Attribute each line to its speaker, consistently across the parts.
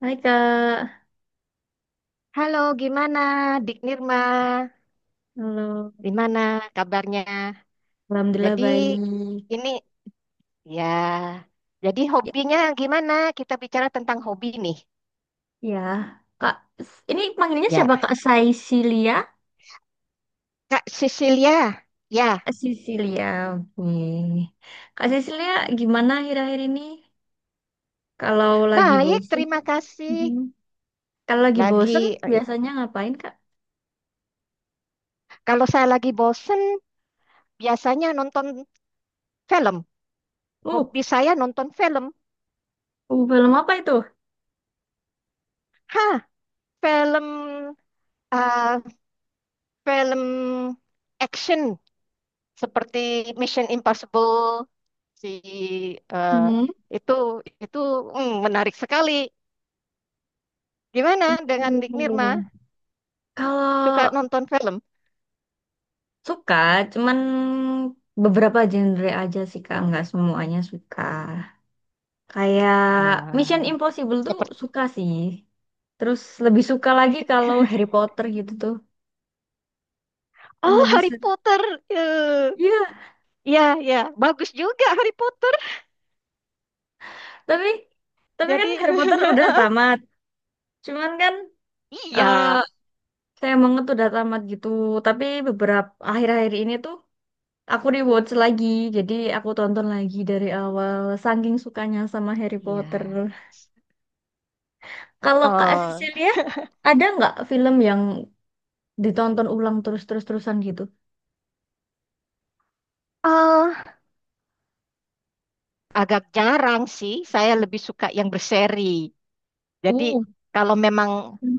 Speaker 1: Hai Kak,
Speaker 2: Halo, gimana Dik Nirma?
Speaker 1: halo.
Speaker 2: Gimana kabarnya?
Speaker 1: Alhamdulillah
Speaker 2: Jadi
Speaker 1: baik.
Speaker 2: ini, ya, jadi
Speaker 1: Ya,
Speaker 2: hobinya gimana? Kita bicara tentang hobi nih.
Speaker 1: ya. Kak, ini panggilnya
Speaker 2: Ya,
Speaker 1: siapa Kak? Saisilia?
Speaker 2: Kak Cecilia. Ya,
Speaker 1: Kak Sisilia, oke. Kak Sisilia, gimana akhir-akhir ini? Kalau lagi
Speaker 2: baik,
Speaker 1: bosen,
Speaker 2: terima
Speaker 1: mhm.
Speaker 2: kasih.
Speaker 1: Kalau lagi bosen
Speaker 2: Lagi Ya.
Speaker 1: biasanya ngapain Kak?
Speaker 2: Kalau saya lagi bosen, biasanya nonton film.
Speaker 1: Uh,
Speaker 2: Hobi saya nonton film.
Speaker 1: film apa itu?
Speaker 2: Hah, film, eh, film action. Seperti Mission Impossible, si eh,
Speaker 1: Hmm.
Speaker 2: itu itu menarik sekali. Gimana dengan Dik Nirma? Suka
Speaker 1: Kalau
Speaker 2: nonton film?
Speaker 1: suka, cuman beberapa genre aja sih Kak, nggak semuanya suka. Kayak Mission
Speaker 2: Ah,
Speaker 1: Impossible tuh
Speaker 2: seperti
Speaker 1: suka sih. Terus lebih suka lagi kalau Harry Potter gitu tuh. Kan
Speaker 2: Oh,
Speaker 1: lebih
Speaker 2: Harry
Speaker 1: seru.
Speaker 2: Potter. Eh,
Speaker 1: Iya,
Speaker 2: Ya, ya, bagus juga Harry Potter.
Speaker 1: tapi tapi kan
Speaker 2: Jadi
Speaker 1: Harry Potter udah tamat. Cuman kan eh
Speaker 2: iya,
Speaker 1: saya banget udah tamat gitu. Tapi beberapa akhir-akhir ini tuh aku rewatch lagi. Jadi aku tonton lagi dari awal. Saking sukanya sama Harry Potter.
Speaker 2: iya.
Speaker 1: Kalau Kak
Speaker 2: Eh,
Speaker 1: Cecilia, ada nggak film yang ditonton ulang terus-terus-terusan gitu?
Speaker 2: eh, Agak jarang sih. Saya lebih suka yang berseri. Jadi
Speaker 1: Uh.
Speaker 2: kalau memang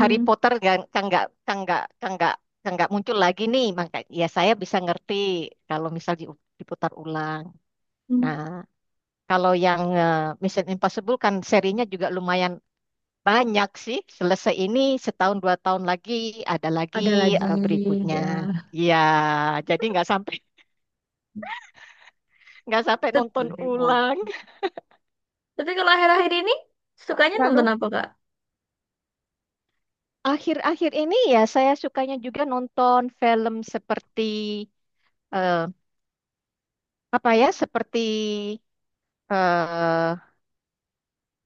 Speaker 2: Harry Potter kan kan nggak muncul lagi nih, maka ya saya bisa ngerti kalau misal diputar ulang. Nah,
Speaker 1: Mhm.
Speaker 2: kalau yang, Mission Impossible kan serinya juga lumayan banyak sih. Selesai ini, setahun 2 tahun lagi ada lagi,
Speaker 1: Ada lagi
Speaker 2: berikutnya.
Speaker 1: ya.
Speaker 2: Ya, jadi nggak sampai nggak sampai
Speaker 1: Tep-
Speaker 2: nonton ulang.
Speaker 1: Tapi kalau akhir-akhir ini sukanya nonton
Speaker 2: Lalu
Speaker 1: apa Kak?
Speaker 2: akhir-akhir ini ya saya sukanya juga nonton film seperti, apa ya, seperti eh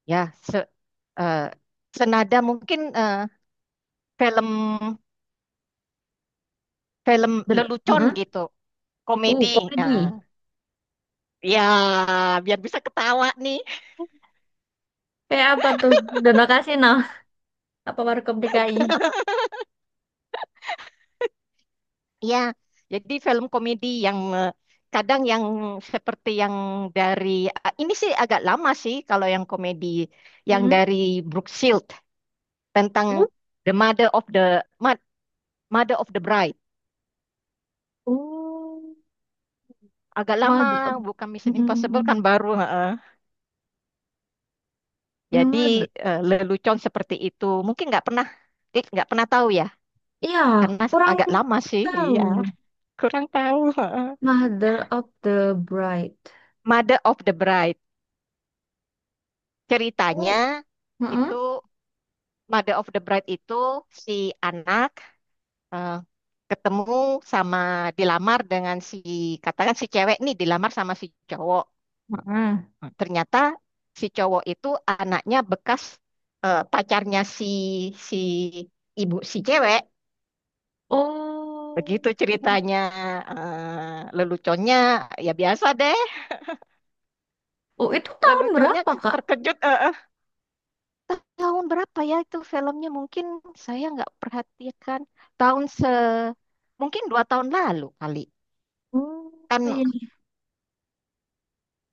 Speaker 2: ya se- eh, senada mungkin, film,
Speaker 1: Ber
Speaker 2: lelucon
Speaker 1: Mm-mm.
Speaker 2: gitu, komedi, eh,
Speaker 1: Komedi.
Speaker 2: ya, biar bisa ketawa nih.
Speaker 1: Kayak apa tuh? Dono Kasino. Apa Warkop DKI?
Speaker 2: Ya, jadi film komedi yang, kadang yang seperti yang dari, ah, ini sih agak lama sih kalau yang komedi, yang
Speaker 1: Mm-mm.
Speaker 2: dari Brooke Shield, tentang
Speaker 1: Uh,
Speaker 2: The Mother of the, Ma- Mother of the Bride,
Speaker 1: uh,
Speaker 2: agak lama,
Speaker 1: mother.
Speaker 2: bukan
Speaker 1: mm
Speaker 2: Mission Impossible kan
Speaker 1: mm
Speaker 2: baru. Heeh.
Speaker 1: Yang
Speaker 2: Jadi,
Speaker 1: mother,
Speaker 2: lelucon seperti itu. Mungkin nggak pernah, nggak pernah tahu ya,
Speaker 1: iya,
Speaker 2: karena
Speaker 1: kurang
Speaker 2: agak lama sih.
Speaker 1: tahu.
Speaker 2: Iya, kurang tahu.
Speaker 1: Mother of the Bride.
Speaker 2: Mother of the Bride.
Speaker 1: Uh,
Speaker 2: Ceritanya itu,
Speaker 1: mm-mm.
Speaker 2: Mother of the Bride itu si anak, eh, ketemu sama, dilamar dengan si, katakan si cewek nih dilamar sama si cowok.
Speaker 1: Mm-mm.
Speaker 2: Ternyata si cowok itu anaknya bekas, pacarnya si si ibu si cewek.
Speaker 1: Oh.
Speaker 2: Begitu ceritanya, leluconnya ya biasa deh.
Speaker 1: Oh, itu tahun
Speaker 2: Leluconnya
Speaker 1: berapa, Kak?
Speaker 2: terkejut. Eh. Tahun berapa ya itu filmnya? Mungkin saya nggak perhatikan. Tahun mungkin 2 tahun lalu kali.
Speaker 1: Oh,
Speaker 2: Kan
Speaker 1: iya.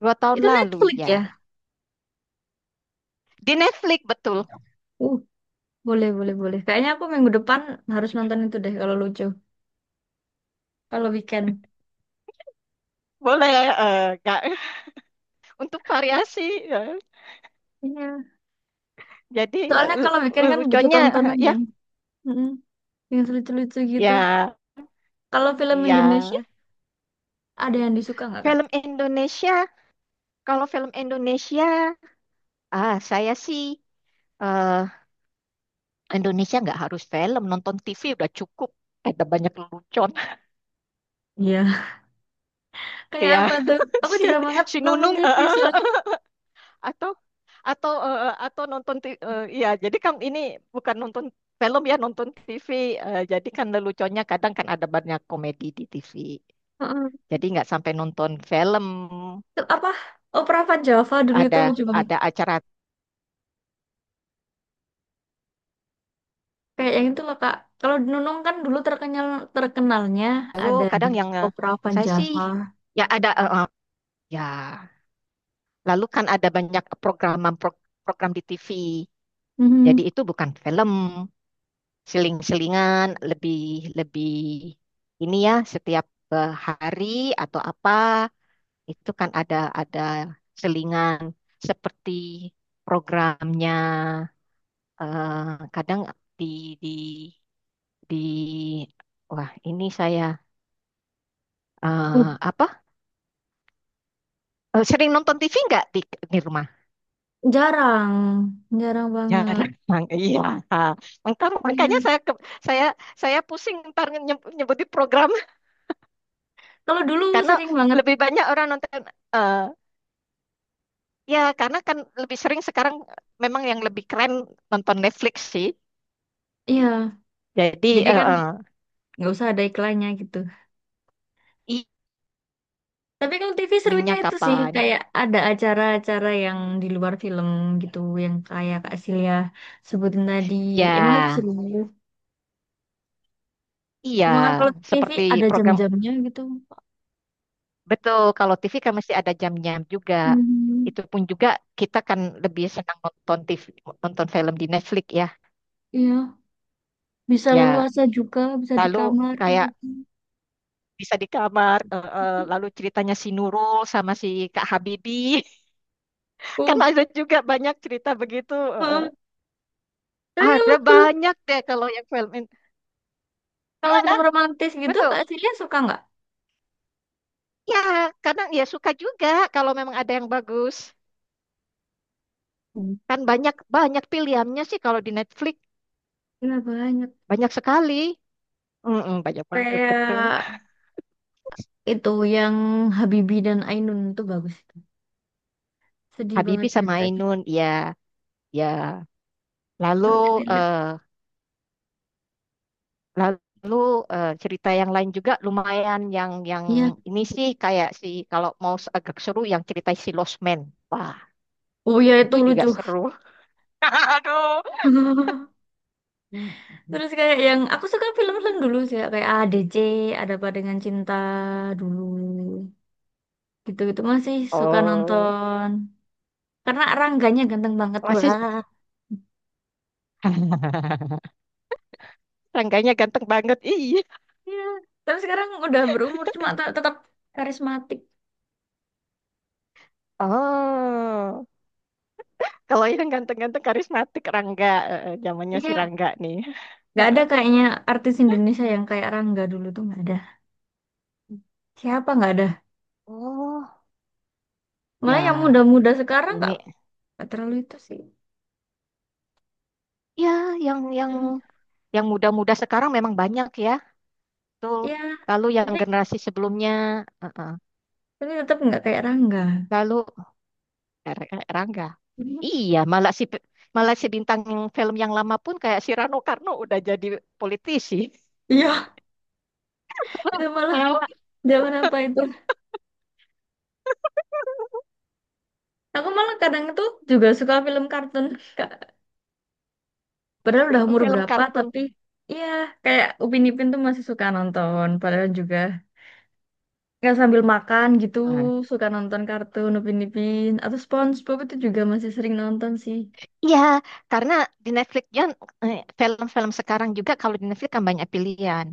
Speaker 2: dua tahun
Speaker 1: Itu
Speaker 2: lalu
Speaker 1: Netflix
Speaker 2: ya. Di Netflix, betul.
Speaker 1: ya? Boleh, boleh, boleh. Kayaknya aku minggu depan harus nonton itu deh kalau lucu. Kalau weekend.
Speaker 2: Boleh, nggak untuk variasi. eh.
Speaker 1: Iya.
Speaker 2: Jadi,
Speaker 1: Soalnya
Speaker 2: eh,
Speaker 1: kalau weekend kan butuh
Speaker 2: leluconnya
Speaker 1: tontonan
Speaker 2: ya,
Speaker 1: yang mm, yang lucu-lucu gitu.
Speaker 2: ya,
Speaker 1: Kalau film Indonesia
Speaker 2: ya,
Speaker 1: ada yang disuka nggak, Kak?
Speaker 2: film Indonesia. Kalau film Indonesia, ah, saya sih, eh, Indonesia nggak harus film, nonton TV udah cukup. Ada banyak lelucon
Speaker 1: Iya. Kayak apa
Speaker 2: kayak
Speaker 1: tuh? Aku
Speaker 2: si
Speaker 1: jarang banget
Speaker 2: si
Speaker 1: nonton
Speaker 2: Nunung,
Speaker 1: TV soalnya.
Speaker 2: atau, atau nonton, ya jadi kan ini bukan nonton film, ya nonton TV, jadi kan leluconnya kadang kan ada banyak komedi di TV.
Speaker 1: Heeh.
Speaker 2: Jadi nggak sampai nonton film,
Speaker 1: Apa? Opera Van Java dulu itu
Speaker 2: ada
Speaker 1: lucu banget.
Speaker 2: ada acara,
Speaker 1: Kayak yang itu loh, Kak. Kalau Nunung kan dulu terkenal, terkenalnya
Speaker 2: lalu
Speaker 1: ada di
Speaker 2: kadang yang,
Speaker 1: Opera Van
Speaker 2: saya sih
Speaker 1: Java.
Speaker 2: ya ada, ya lalu kan ada banyak program program di TV.
Speaker 1: Mhm.
Speaker 2: Jadi itu bukan film. Seling-selingan, lebih lebih ini ya setiap, hari atau apa, itu kan ada, ada selingan seperti programnya, kadang di di di wah ini saya, eh, apa sering nonton TV nggak di rumah?
Speaker 1: Jarang, jarang banget.
Speaker 2: Jarang, iya. Ah, makanya
Speaker 1: Iya.
Speaker 2: saya, saya saya pusing ntar, nyebutin program
Speaker 1: Kalau dulu
Speaker 2: karena
Speaker 1: sering banget,
Speaker 2: lebih banyak orang nonton, eh, ya, karena kan lebih sering sekarang memang yang lebih keren nonton Netflix sih.
Speaker 1: iya.
Speaker 2: Jadi,
Speaker 1: Jadi
Speaker 2: eh,
Speaker 1: kan
Speaker 2: eh,
Speaker 1: nggak usah ada iklannya gitu.
Speaker 2: i
Speaker 1: Tapi kalau TV serunya
Speaker 2: streamingnya
Speaker 1: itu sih
Speaker 2: kapan?
Speaker 1: kayak ada acara-acara yang di luar film gitu, yang kayak Kak Silia sebutin tadi. Emang
Speaker 2: Ya,
Speaker 1: itu seru.
Speaker 2: iya.
Speaker 1: Cuma kan kalau TV
Speaker 2: Seperti
Speaker 1: ada
Speaker 2: program,
Speaker 1: jam-jamnya gitu.
Speaker 2: betul. Kalau TV kan masih ada jamnya juga.
Speaker 1: Hmm,
Speaker 2: Itu pun juga, kita kan lebih senang nonton TV, nonton film di Netflix ya.
Speaker 1: iya. Bisa
Speaker 2: Ya,
Speaker 1: leluasa juga, bisa di
Speaker 2: lalu
Speaker 1: kamar kayak
Speaker 2: kayak
Speaker 1: gitu.
Speaker 2: bisa di kamar, lalu ceritanya si Nurul sama si Kak Habibie. Kan
Speaker 1: Oh,
Speaker 2: ada juga banyak cerita begitu.
Speaker 1: heeh.
Speaker 2: Eh.
Speaker 1: Tapi
Speaker 2: Ada banyak deh kalau yang film.
Speaker 1: kalau
Speaker 2: Gimana?
Speaker 1: film romantis gitu, Kak
Speaker 2: Betul.
Speaker 1: Silia suka nggak?
Speaker 2: Ya, kadang ya suka juga kalau memang ada yang bagus.
Speaker 1: Hmm.
Speaker 2: Kan banyak, banyak pilihannya sih kalau di Netflix,
Speaker 1: Iya, banyak.
Speaker 2: banyak sekali. Mm-mm, banyak banget, betul.
Speaker 1: Kayak itu yang Habibie dan Ainun itu bagus itu. Sedih banget
Speaker 2: Habibie sama
Speaker 1: ceritanya.
Speaker 2: Ainun, ya, ya.
Speaker 1: Sampai
Speaker 2: Lalu
Speaker 1: relate.
Speaker 2: eh lalu cerita yang lain juga lumayan, yang
Speaker 1: Iya.
Speaker 2: ini sih kayak si, kalau mau agak seru, yang cerita si Lost Man. Wah,
Speaker 1: Oh ya itu
Speaker 2: itu juga
Speaker 1: lucu.
Speaker 2: seru. Aduh.
Speaker 1: Terus kayak yang aku suka film-film dulu sih ya. Kayak ADC, ada apa dengan cinta dulu. Gitu-gitu masih suka
Speaker 2: Oh,
Speaker 1: nonton. Karena Rangganya ganteng banget
Speaker 2: masih
Speaker 1: lah.
Speaker 2: Rangganya ganteng banget. Iya.
Speaker 1: Iya. Tapi sekarang udah berumur, cuma tetap karismatik.
Speaker 2: Oh, kalau yang ganteng-ganteng karismatik Rangga, zamannya si
Speaker 1: Iya.
Speaker 2: Rangga nih.
Speaker 1: Gak ada
Speaker 2: Heeh.
Speaker 1: kayaknya artis Indonesia yang kayak Rangga dulu tuh nggak ada. Siapa nggak ada?
Speaker 2: Oh,
Speaker 1: Malah yang
Speaker 2: ya,
Speaker 1: muda-muda sekarang nggak.
Speaker 2: ini
Speaker 1: Gak terlalu itu sih.
Speaker 2: ya yang yang
Speaker 1: Hmm.
Speaker 2: yang muda-muda sekarang memang banyak ya, betul.
Speaker 1: Ya,
Speaker 2: Lalu yang
Speaker 1: tapi,
Speaker 2: generasi sebelumnya, heeh.
Speaker 1: tapi tetap nggak kayak Rangga.
Speaker 2: Lalu, Rangga.
Speaker 1: Hmm.
Speaker 2: Iya, malah si bintang yang film yang lama pun kayak si Rano Karno udah jadi politisi.
Speaker 1: Iya, itu malah
Speaker 2: Lewat
Speaker 1: zaman apa itu? Aku malah kadang itu juga suka film kartun. Kak. Padahal udah umur
Speaker 2: film
Speaker 1: berapa,
Speaker 2: kartun.
Speaker 1: tapi iya kayak Upin Ipin tuh masih suka nonton. Padahal juga nggak sambil makan gitu, suka nonton kartun Upin Ipin atau SpongeBob itu juga masih sering nonton sih.
Speaker 2: Ya, karena di Netflix kan, film-film sekarang juga kalau di Netflix kan banyak pilihan.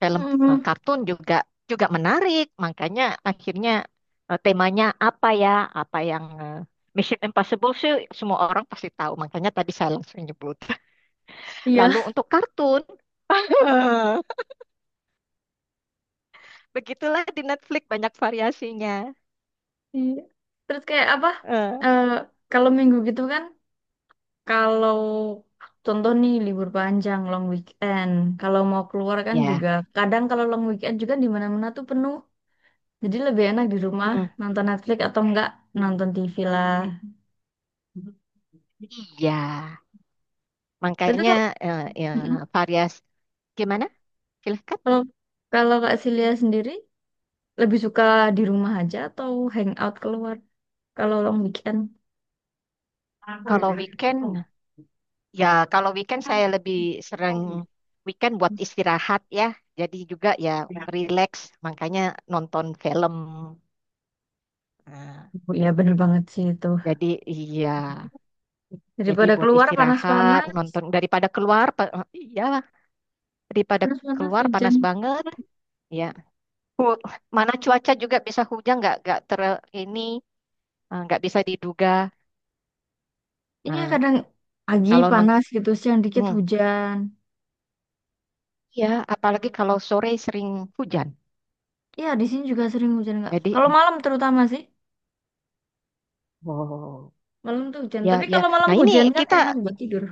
Speaker 2: Film,
Speaker 1: Hmm,
Speaker 2: kartun juga juga menarik, makanya akhirnya, temanya apa ya? Apa yang, Mission Impossible sih, semua orang pasti tahu, makanya tadi saya langsung nyebut.
Speaker 1: iya.
Speaker 2: Lalu untuk kartun, begitulah di Netflix banyak variasinya.
Speaker 1: Iya. Terus kayak apa?
Speaker 2: Eh,
Speaker 1: Eh, kalau minggu gitu kan. Kalau contoh nih libur panjang, long weekend, kalau mau keluar kan
Speaker 2: Ya,
Speaker 1: juga kadang kalau long weekend juga di mana-mana tuh penuh. Jadi lebih enak di rumah
Speaker 2: hmm,
Speaker 1: nonton Netflix atau enggak nonton TV lah.
Speaker 2: iya,
Speaker 1: Tapi
Speaker 2: makanya,
Speaker 1: kalau
Speaker 2: ya,
Speaker 1: mm-mm,
Speaker 2: varias gimana? Silahkan.
Speaker 1: kalau kalau Kak Silia sendiri lebih suka di rumah aja atau hangout keluar kalau long weekend? Oh,
Speaker 2: Kalau weekend. Ya, kalau weekend saya lebih sering, weekend buat istirahat ya. Jadi juga ya, relax, makanya nonton film. Nah,
Speaker 1: iya bener banget sih itu.
Speaker 2: jadi, iya, jadi
Speaker 1: Daripada
Speaker 2: buat
Speaker 1: keluar
Speaker 2: istirahat,
Speaker 1: panas-panas,
Speaker 2: nonton daripada keluar, iya, daripada
Speaker 1: panas-panas
Speaker 2: keluar
Speaker 1: hujan.
Speaker 2: panas banget. Ya, mana cuaca juga bisa hujan, nggak ter ini eh, nggak bisa diduga.
Speaker 1: Iya
Speaker 2: Nah,
Speaker 1: kadang pagi
Speaker 2: kalau nonton,
Speaker 1: panas gitu, siang dikit hujan.
Speaker 2: ya apalagi kalau sore sering hujan.
Speaker 1: Iya di sini juga sering hujan nggak?
Speaker 2: Jadi,
Speaker 1: Kalau malam terutama sih,
Speaker 2: oh.
Speaker 1: malam tuh hujan.
Speaker 2: Ya,
Speaker 1: Tapi
Speaker 2: ya.
Speaker 1: kalau malam
Speaker 2: Nah, ini
Speaker 1: hujan kan
Speaker 2: kita
Speaker 1: enak buat tidur.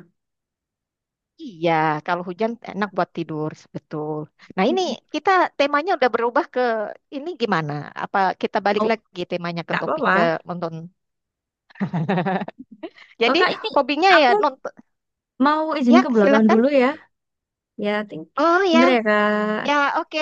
Speaker 2: Iya, kalau hujan enak buat tidur, betul. Nah, ini
Speaker 1: Mm.
Speaker 2: kita temanya udah berubah ke, ini, gimana? Apa kita balik
Speaker 1: Oh
Speaker 2: lagi temanya ke
Speaker 1: nggak
Speaker 2: topik,
Speaker 1: apa-apa.
Speaker 2: ke nonton?
Speaker 1: Oh
Speaker 2: Jadi
Speaker 1: kak ini
Speaker 2: hobinya ya
Speaker 1: aku
Speaker 2: nonton.
Speaker 1: mau izin
Speaker 2: Ya,
Speaker 1: ke belakang
Speaker 2: silakan.
Speaker 1: dulu ya. Ya,
Speaker 2: Oh ya,
Speaker 1: bentar ya
Speaker 2: ya,
Speaker 1: kak.
Speaker 2: oke.